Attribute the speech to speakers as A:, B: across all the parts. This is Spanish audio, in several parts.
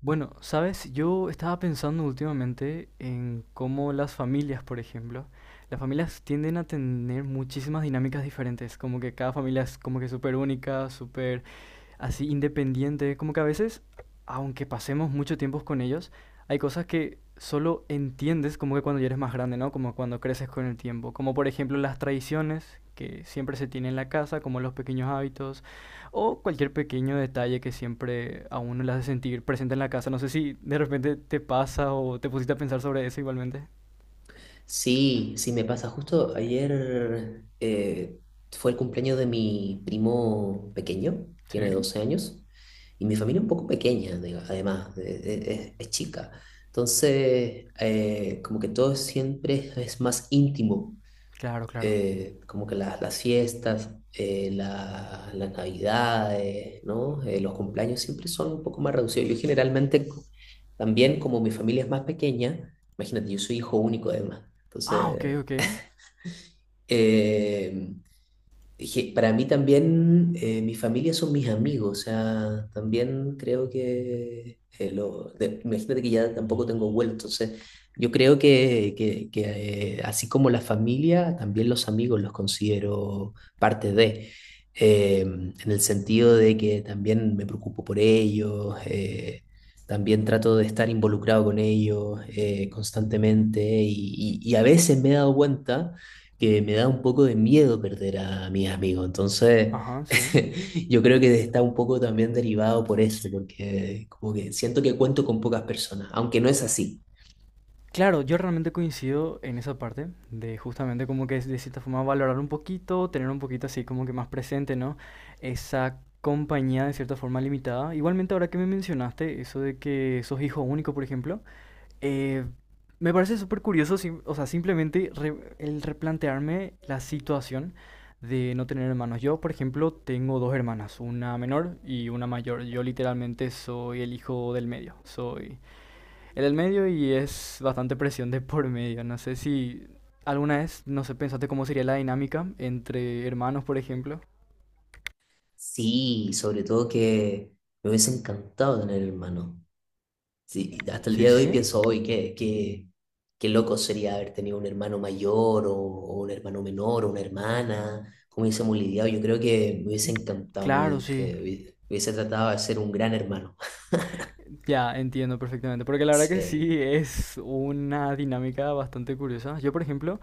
A: Bueno, sabes, yo estaba pensando últimamente en cómo las familias, por ejemplo, las familias tienden a tener muchísimas dinámicas diferentes, como que cada familia es como que súper única, súper así independiente, como que a veces, aunque pasemos mucho tiempo con ellos, hay cosas que solo entiendes como que cuando ya eres más grande, ¿no? Como cuando creces con el tiempo, como por ejemplo las tradiciones que siempre se tienen en la casa, como los pequeños hábitos o cualquier pequeño detalle que siempre a uno le hace sentir presente en la casa. No sé si de repente te pasa o te pusiste a pensar sobre eso igualmente.
B: Sí, sí me pasa. Justo ayer fue el cumpleaños de mi primo pequeño, tiene
A: Sí.
B: 12 años, y mi familia es un poco pequeña, además, es chica. Entonces, como que todo siempre es más íntimo
A: Claro, claro.
B: como que las fiestas, las navidades, ¿no? Los cumpleaños siempre son un poco más reducidos. Yo generalmente también, como mi familia es más pequeña, imagínate, yo soy hijo único además,
A: Ah, ok,
B: entonces
A: ok.
B: eh, dije, para mí también, mi familia son mis amigos, o sea, también creo que, imagínate que ya tampoco tengo vuelo, entonces yo creo que, así como la familia, también los amigos los considero parte de, en el sentido de que también me preocupo por ellos, también trato de estar involucrado con ellos constantemente y a veces me he dado cuenta que me da un poco de miedo perder a mis amigos. Entonces,
A: Ajá, sí.
B: yo creo que está un poco también derivado por eso, porque como que siento que cuento con pocas personas, aunque no es así.
A: Claro, yo realmente coincido en esa parte de justamente como que es de cierta forma valorar un poquito, tener un poquito así como que más presente, ¿no? Esa compañía de cierta forma limitada. Igualmente ahora que me mencionaste eso de que sos hijo único, por ejemplo, eh, me parece súper curioso, o sea, simplemente el replantearme la situación de no tener hermanos. Yo, por ejemplo, tengo dos hermanas, una menor y una mayor. Yo literalmente soy el hijo del medio, soy en el medio y es bastante presión de por medio. No sé si alguna vez, no sé, pensaste cómo sería la dinámica entre hermanos, por ejemplo.
B: Sí, sobre todo que me hubiese encantado tener hermano. Sí, hasta el
A: Sí,
B: día de hoy
A: sí.
B: pienso hoy qué loco sería haber tenido un hermano mayor o un hermano menor o una hermana, cómo hubiésemos lidiado. Yo creo que me hubiese encantado, me
A: Claro, sí.
B: hubiese, eh, hubiese hubiese tratado de ser un gran hermano.
A: Ya, entiendo perfectamente. Porque la verdad que
B: Sí.
A: sí es una dinámica bastante curiosa. Yo, por ejemplo,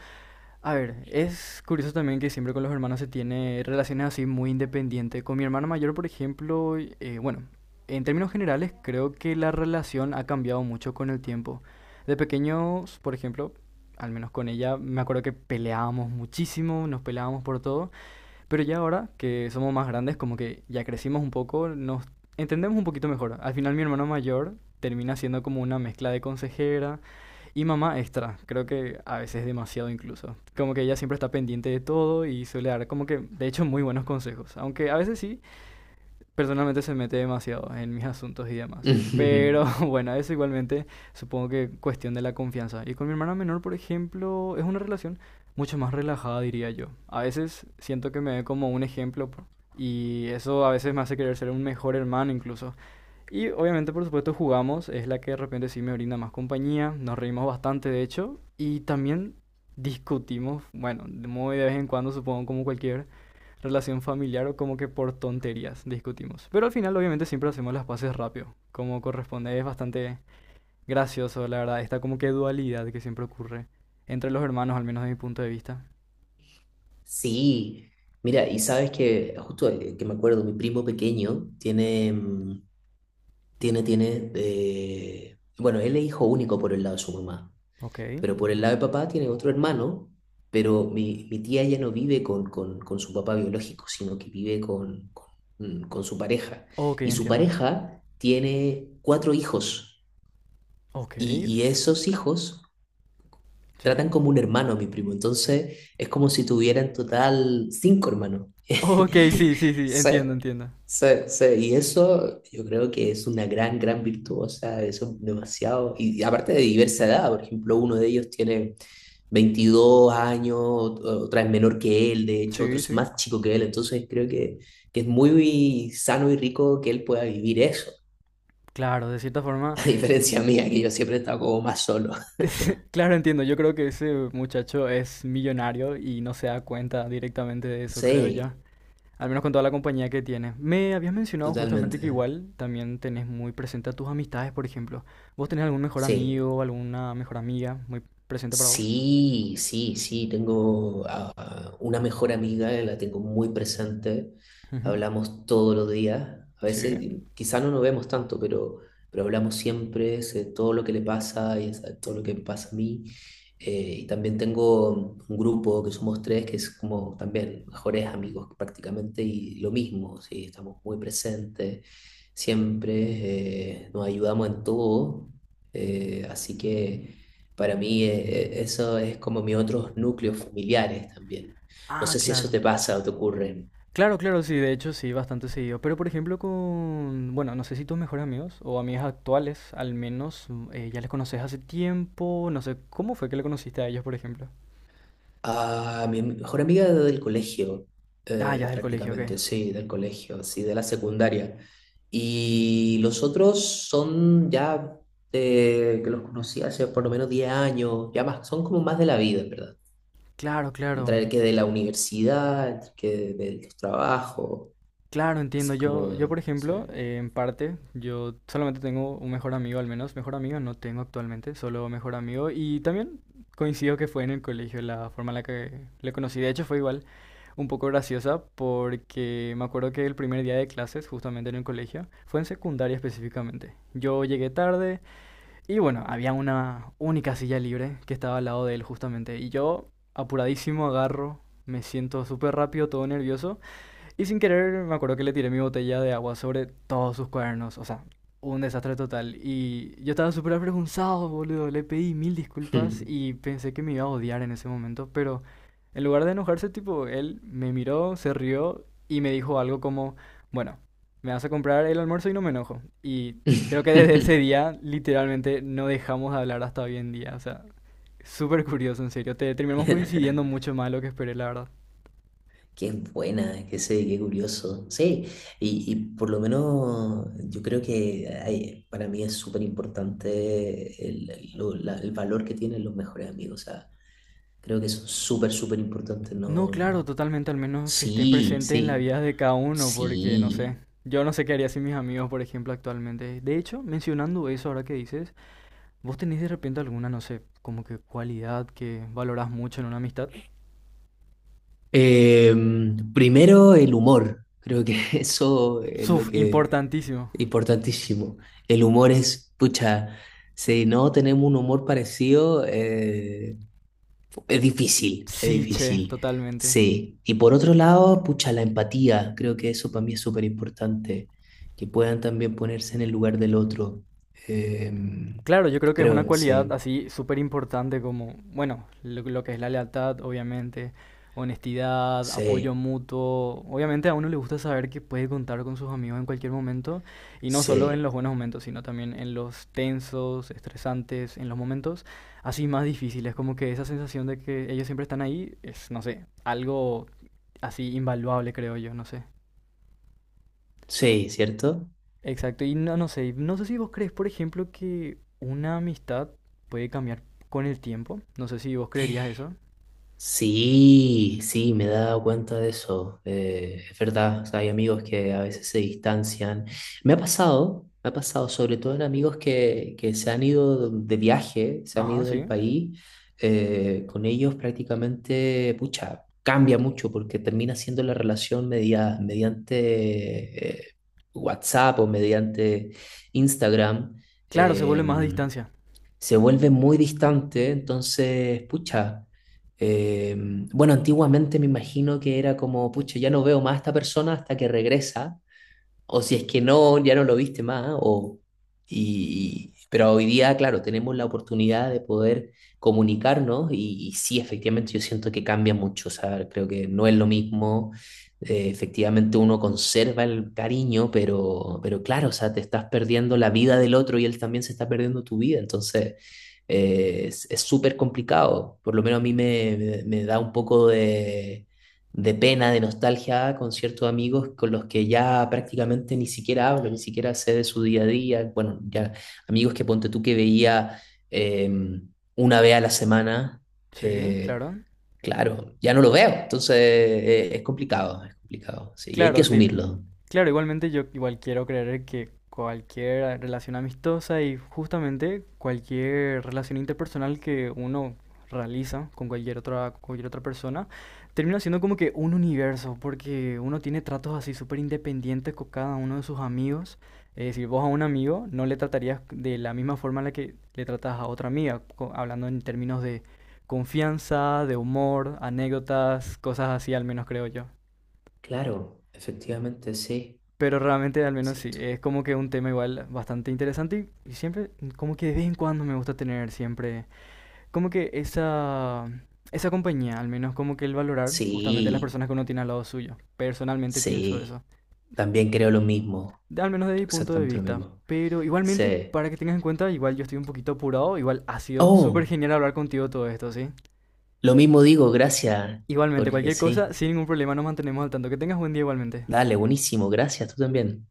A: a ver, es curioso también que siempre con los hermanos se tiene relaciones así muy independientes. Con mi hermana mayor, por ejemplo, bueno, en términos generales creo que la relación ha cambiado mucho con el tiempo. De pequeños, por ejemplo, al menos con ella, me acuerdo que peleábamos muchísimo, nos peleábamos por todo. Pero ya ahora que somos más grandes, como que ya crecimos un poco, nos entendemos un poquito mejor. Al final mi hermano mayor termina siendo como una mezcla de consejera y mamá extra. Creo que a veces demasiado incluso. Como que ella siempre está pendiente de todo y suele dar como que, de hecho, muy buenos consejos. Aunque a veces sí, personalmente se mete demasiado en mis asuntos y demás. Pero bueno, eso igualmente supongo que cuestión de la confianza. Y con mi hermana menor, por ejemplo, es una relación mucho más relajada, diría yo. A veces siento que me ve como un ejemplo y eso a veces me hace querer ser un mejor hermano incluso. Y obviamente, por supuesto, jugamos. Es la que de repente sí me brinda más compañía. Nos reímos bastante, de hecho. Y también discutimos, bueno, muy de vez en cuando, supongo, como cualquier relación familiar o como que por tonterías discutimos. Pero al final, obviamente, siempre hacemos las paces rápido. Como corresponde, es bastante gracioso, la verdad. Esta como que dualidad que siempre ocurre entre los hermanos, al menos de mi punto de vista.
B: Sí, mira, y sabes que justo que me acuerdo, mi primo pequeño tiene, mm, tiene, tiene, bueno, él es hijo único por el lado de su mamá,
A: Ok.
B: pero por el lado de papá tiene otro hermano, pero mi tía ya no vive con su papá biológico, sino que vive con su pareja.
A: Ok,
B: Y su
A: entiendo.
B: pareja tiene cuatro hijos,
A: Ok.
B: y, esos hijos tratan
A: Sí.
B: como un hermano a mi primo, entonces es como si tuviera en total cinco hermanos.
A: Ok, sí, sí, sí,
B: Sí,
A: entiendo, entiendo.
B: sí, sí, y eso yo creo que es una gran, gran virtud, o sea, eso es demasiado, y aparte de diversa edad, por ejemplo, uno de ellos tiene 22 años, otra es menor que él, de hecho, otro
A: Sí,
B: es
A: sí.
B: más chico que él, entonces creo que es muy sano y rico que él pueda vivir eso,
A: Claro, de cierta forma,
B: a diferencia
A: y-
B: mía, que yo siempre he estado como más solo.
A: claro, entiendo, yo creo que ese muchacho es millonario y no se da cuenta directamente de eso, creo yo,
B: Sí,
A: al menos con toda la compañía que tiene. Me habías mencionado justamente que
B: totalmente,
A: igual también tenés muy presente a tus amistades, por ejemplo. ¿Vos tenés algún mejor
B: sí.
A: amigo, alguna mejor amiga muy presente para vos?
B: Sí, sí, sí, tengo a una mejor amiga, la tengo muy presente,
A: Ujú.
B: hablamos todos los días, a veces
A: Sí.
B: quizás no nos vemos tanto, pero, hablamos siempre, sé todo lo que le pasa y sé todo lo que me pasa a mí. Y también tengo un grupo que somos tres, que es como también mejores amigos prácticamente, y lo mismo, sí, estamos muy presentes, siempre nos ayudamos en todo, así que. Para mí eso es como mis otros núcleos familiares también. No
A: Ah,
B: sé si eso
A: claro.
B: te pasa o te ocurre.
A: Claro, claro, sí, de hecho sí, bastante seguido. Pero por ejemplo con, bueno, no sé si tus mejores amigos o amigas actuales, al menos, ya les conoces hace tiempo, no sé, ¿cómo fue que le conociste a ellos, por ejemplo?
B: A mi mejor amiga del colegio,
A: Ah, ya es del colegio, ok.
B: prácticamente, sí, del colegio, sí, de la secundaria. Y los otros son ya que los conocí hace por lo menos 10 años, ya más, son como más de la vida, en ¿verdad?
A: Claro, claro,
B: Entre el que de la universidad, entre el que de los trabajos,
A: claro, entiendo.
B: así
A: Yo por
B: como, sí.
A: ejemplo, en parte, yo solamente tengo un mejor amigo, al menos mejor amigo no tengo actualmente, solo mejor amigo. Y también coincido que fue en el colegio la forma en la que le conocí. De hecho fue igual, un poco graciosa porque me acuerdo que el primer día de clases, justamente en el colegio, fue en secundaria específicamente. Yo llegué tarde y bueno, había una única silla libre que estaba al lado de él justamente. Y yo, apuradísimo, agarro, me siento súper rápido, todo nervioso y sin querer, me acuerdo que le tiré mi botella de agua sobre todos sus cuadernos. O sea, un desastre total. Y yo estaba súper avergonzado, boludo. Le pedí mil disculpas y pensé que me iba a odiar en ese momento. Pero en lugar de enojarse, tipo, él me miró, se rió y me dijo algo como, bueno, me vas a comprar el almuerzo y no me enojo. Y creo que desde ese día, literalmente, no dejamos de hablar hasta hoy en día. O sea, súper curioso, en serio. Terminamos coincidiendo mucho más de lo que esperé, la verdad.
B: Qué buena, qué sé, qué curioso. Sí, y por lo menos yo creo que para mí es súper importante el valor que tienen los mejores amigos. O sea, creo que son súper, súper importantes,
A: No,
B: ¿no?
A: claro, totalmente, al menos que estén
B: Sí,
A: presentes en la
B: sí,
A: vida de cada uno, porque no sé,
B: sí.
A: yo no sé qué haría sin mis amigos, por ejemplo, actualmente. De hecho, mencionando eso ahora que dices, ¿vos tenés de repente alguna, no sé, como que cualidad que valorás mucho en una amistad?
B: Primero el humor. Creo que eso es lo
A: Suf,
B: que
A: importantísimo.
B: es importantísimo. El humor es, pucha, si no tenemos un humor parecido, es difícil, es
A: Sí, che,
B: difícil.
A: totalmente.
B: Sí. Y por otro lado, pucha, la empatía. Creo que eso para mí es súper importante. Que puedan también ponerse en el lugar del otro. Em,
A: Claro, yo creo que es una
B: Creo,
A: cualidad
B: sí.
A: así súper importante como, bueno, lo que es la lealtad, obviamente, honestidad, apoyo
B: Sí.
A: mutuo. Obviamente a uno le gusta saber que puede contar con sus amigos en cualquier momento y no solo en
B: Sí.
A: los buenos momentos, sino también en los tensos, estresantes, en los momentos así más difíciles, como que esa sensación de que ellos siempre están ahí es, no sé, algo así invaluable, creo yo, no sé.
B: Sí, ¿cierto?
A: Exacto, y no, no sé, no sé si vos crees, por ejemplo, que una amistad puede cambiar con el tiempo. No sé si vos creerías eso.
B: Sí, sí, me he dado cuenta de eso. Es verdad, o sea, hay amigos que a veces se distancian. Me ha pasado, sobre todo en amigos que se han ido de viaje, se han
A: Ajá,
B: ido del
A: sí.
B: país. Con ellos prácticamente, pucha, cambia mucho porque termina siendo la relación mediante WhatsApp o mediante Instagram.
A: Claro, se vuelve más a
B: Em,
A: distancia.
B: Se vuelve muy distante, entonces, pucha, eh, bueno, antiguamente me imagino que era como, pucha, ya no veo más a esta persona hasta que regresa o si es que no, ya no lo viste más, o, pero hoy día, claro, tenemos la oportunidad de poder comunicarnos y sí, efectivamente yo siento que cambia mucho, o sea, creo que no es lo mismo, efectivamente uno conserva el cariño, pero claro, o sea, te estás perdiendo la vida del otro y él también se está perdiendo tu vida, entonces es súper complicado, por lo menos a mí me da un poco de pena, de nostalgia con ciertos amigos con los que ya prácticamente ni siquiera hablo, ni siquiera sé de su día a día. Bueno, ya amigos que ponte tú que veía eh, una vez a la semana,
A: Sí,
B: eh,
A: claro.
B: claro, ya no lo veo. Entonces es complicado, sí, y hay que
A: Claro,
B: asumirlo.
A: claro, igualmente yo igual quiero creer que cualquier relación amistosa y justamente cualquier relación interpersonal que uno realiza con cualquier otra persona, termina siendo como que un universo, porque uno tiene tratos así súper independientes con cada uno de sus amigos. Es decir, vos a un amigo no le tratarías de la misma forma en la que le tratas a otra amiga, hablando en términos de confianza, de humor, anécdotas, cosas así al menos creo yo.
B: Claro, efectivamente, sí,
A: Pero realmente, al menos sí,
B: cierto.
A: es como que un tema igual bastante interesante y siempre, como que de vez en cuando me gusta tener siempre, como que esa, esa compañía, al menos como que el valorar justamente las
B: Sí,
A: personas que uno tiene al lado suyo. Personalmente pienso
B: sí,
A: eso,
B: también creo lo mismo,
A: al menos de mi
B: creo
A: punto de
B: exactamente lo
A: vista.
B: mismo.
A: Pero igualmente,
B: Sí.
A: para que tengas en cuenta, igual yo estoy un poquito apurado, igual ha sido súper
B: Oh.
A: genial hablar contigo todo esto, ¿sí?
B: Lo mismo digo, gracias,
A: Igualmente,
B: Jorge,
A: cualquier cosa,
B: sí.
A: sin ningún problema, nos mantenemos al tanto. Que tengas buen día igualmente.
B: Dale, buenísimo, gracias, tú también.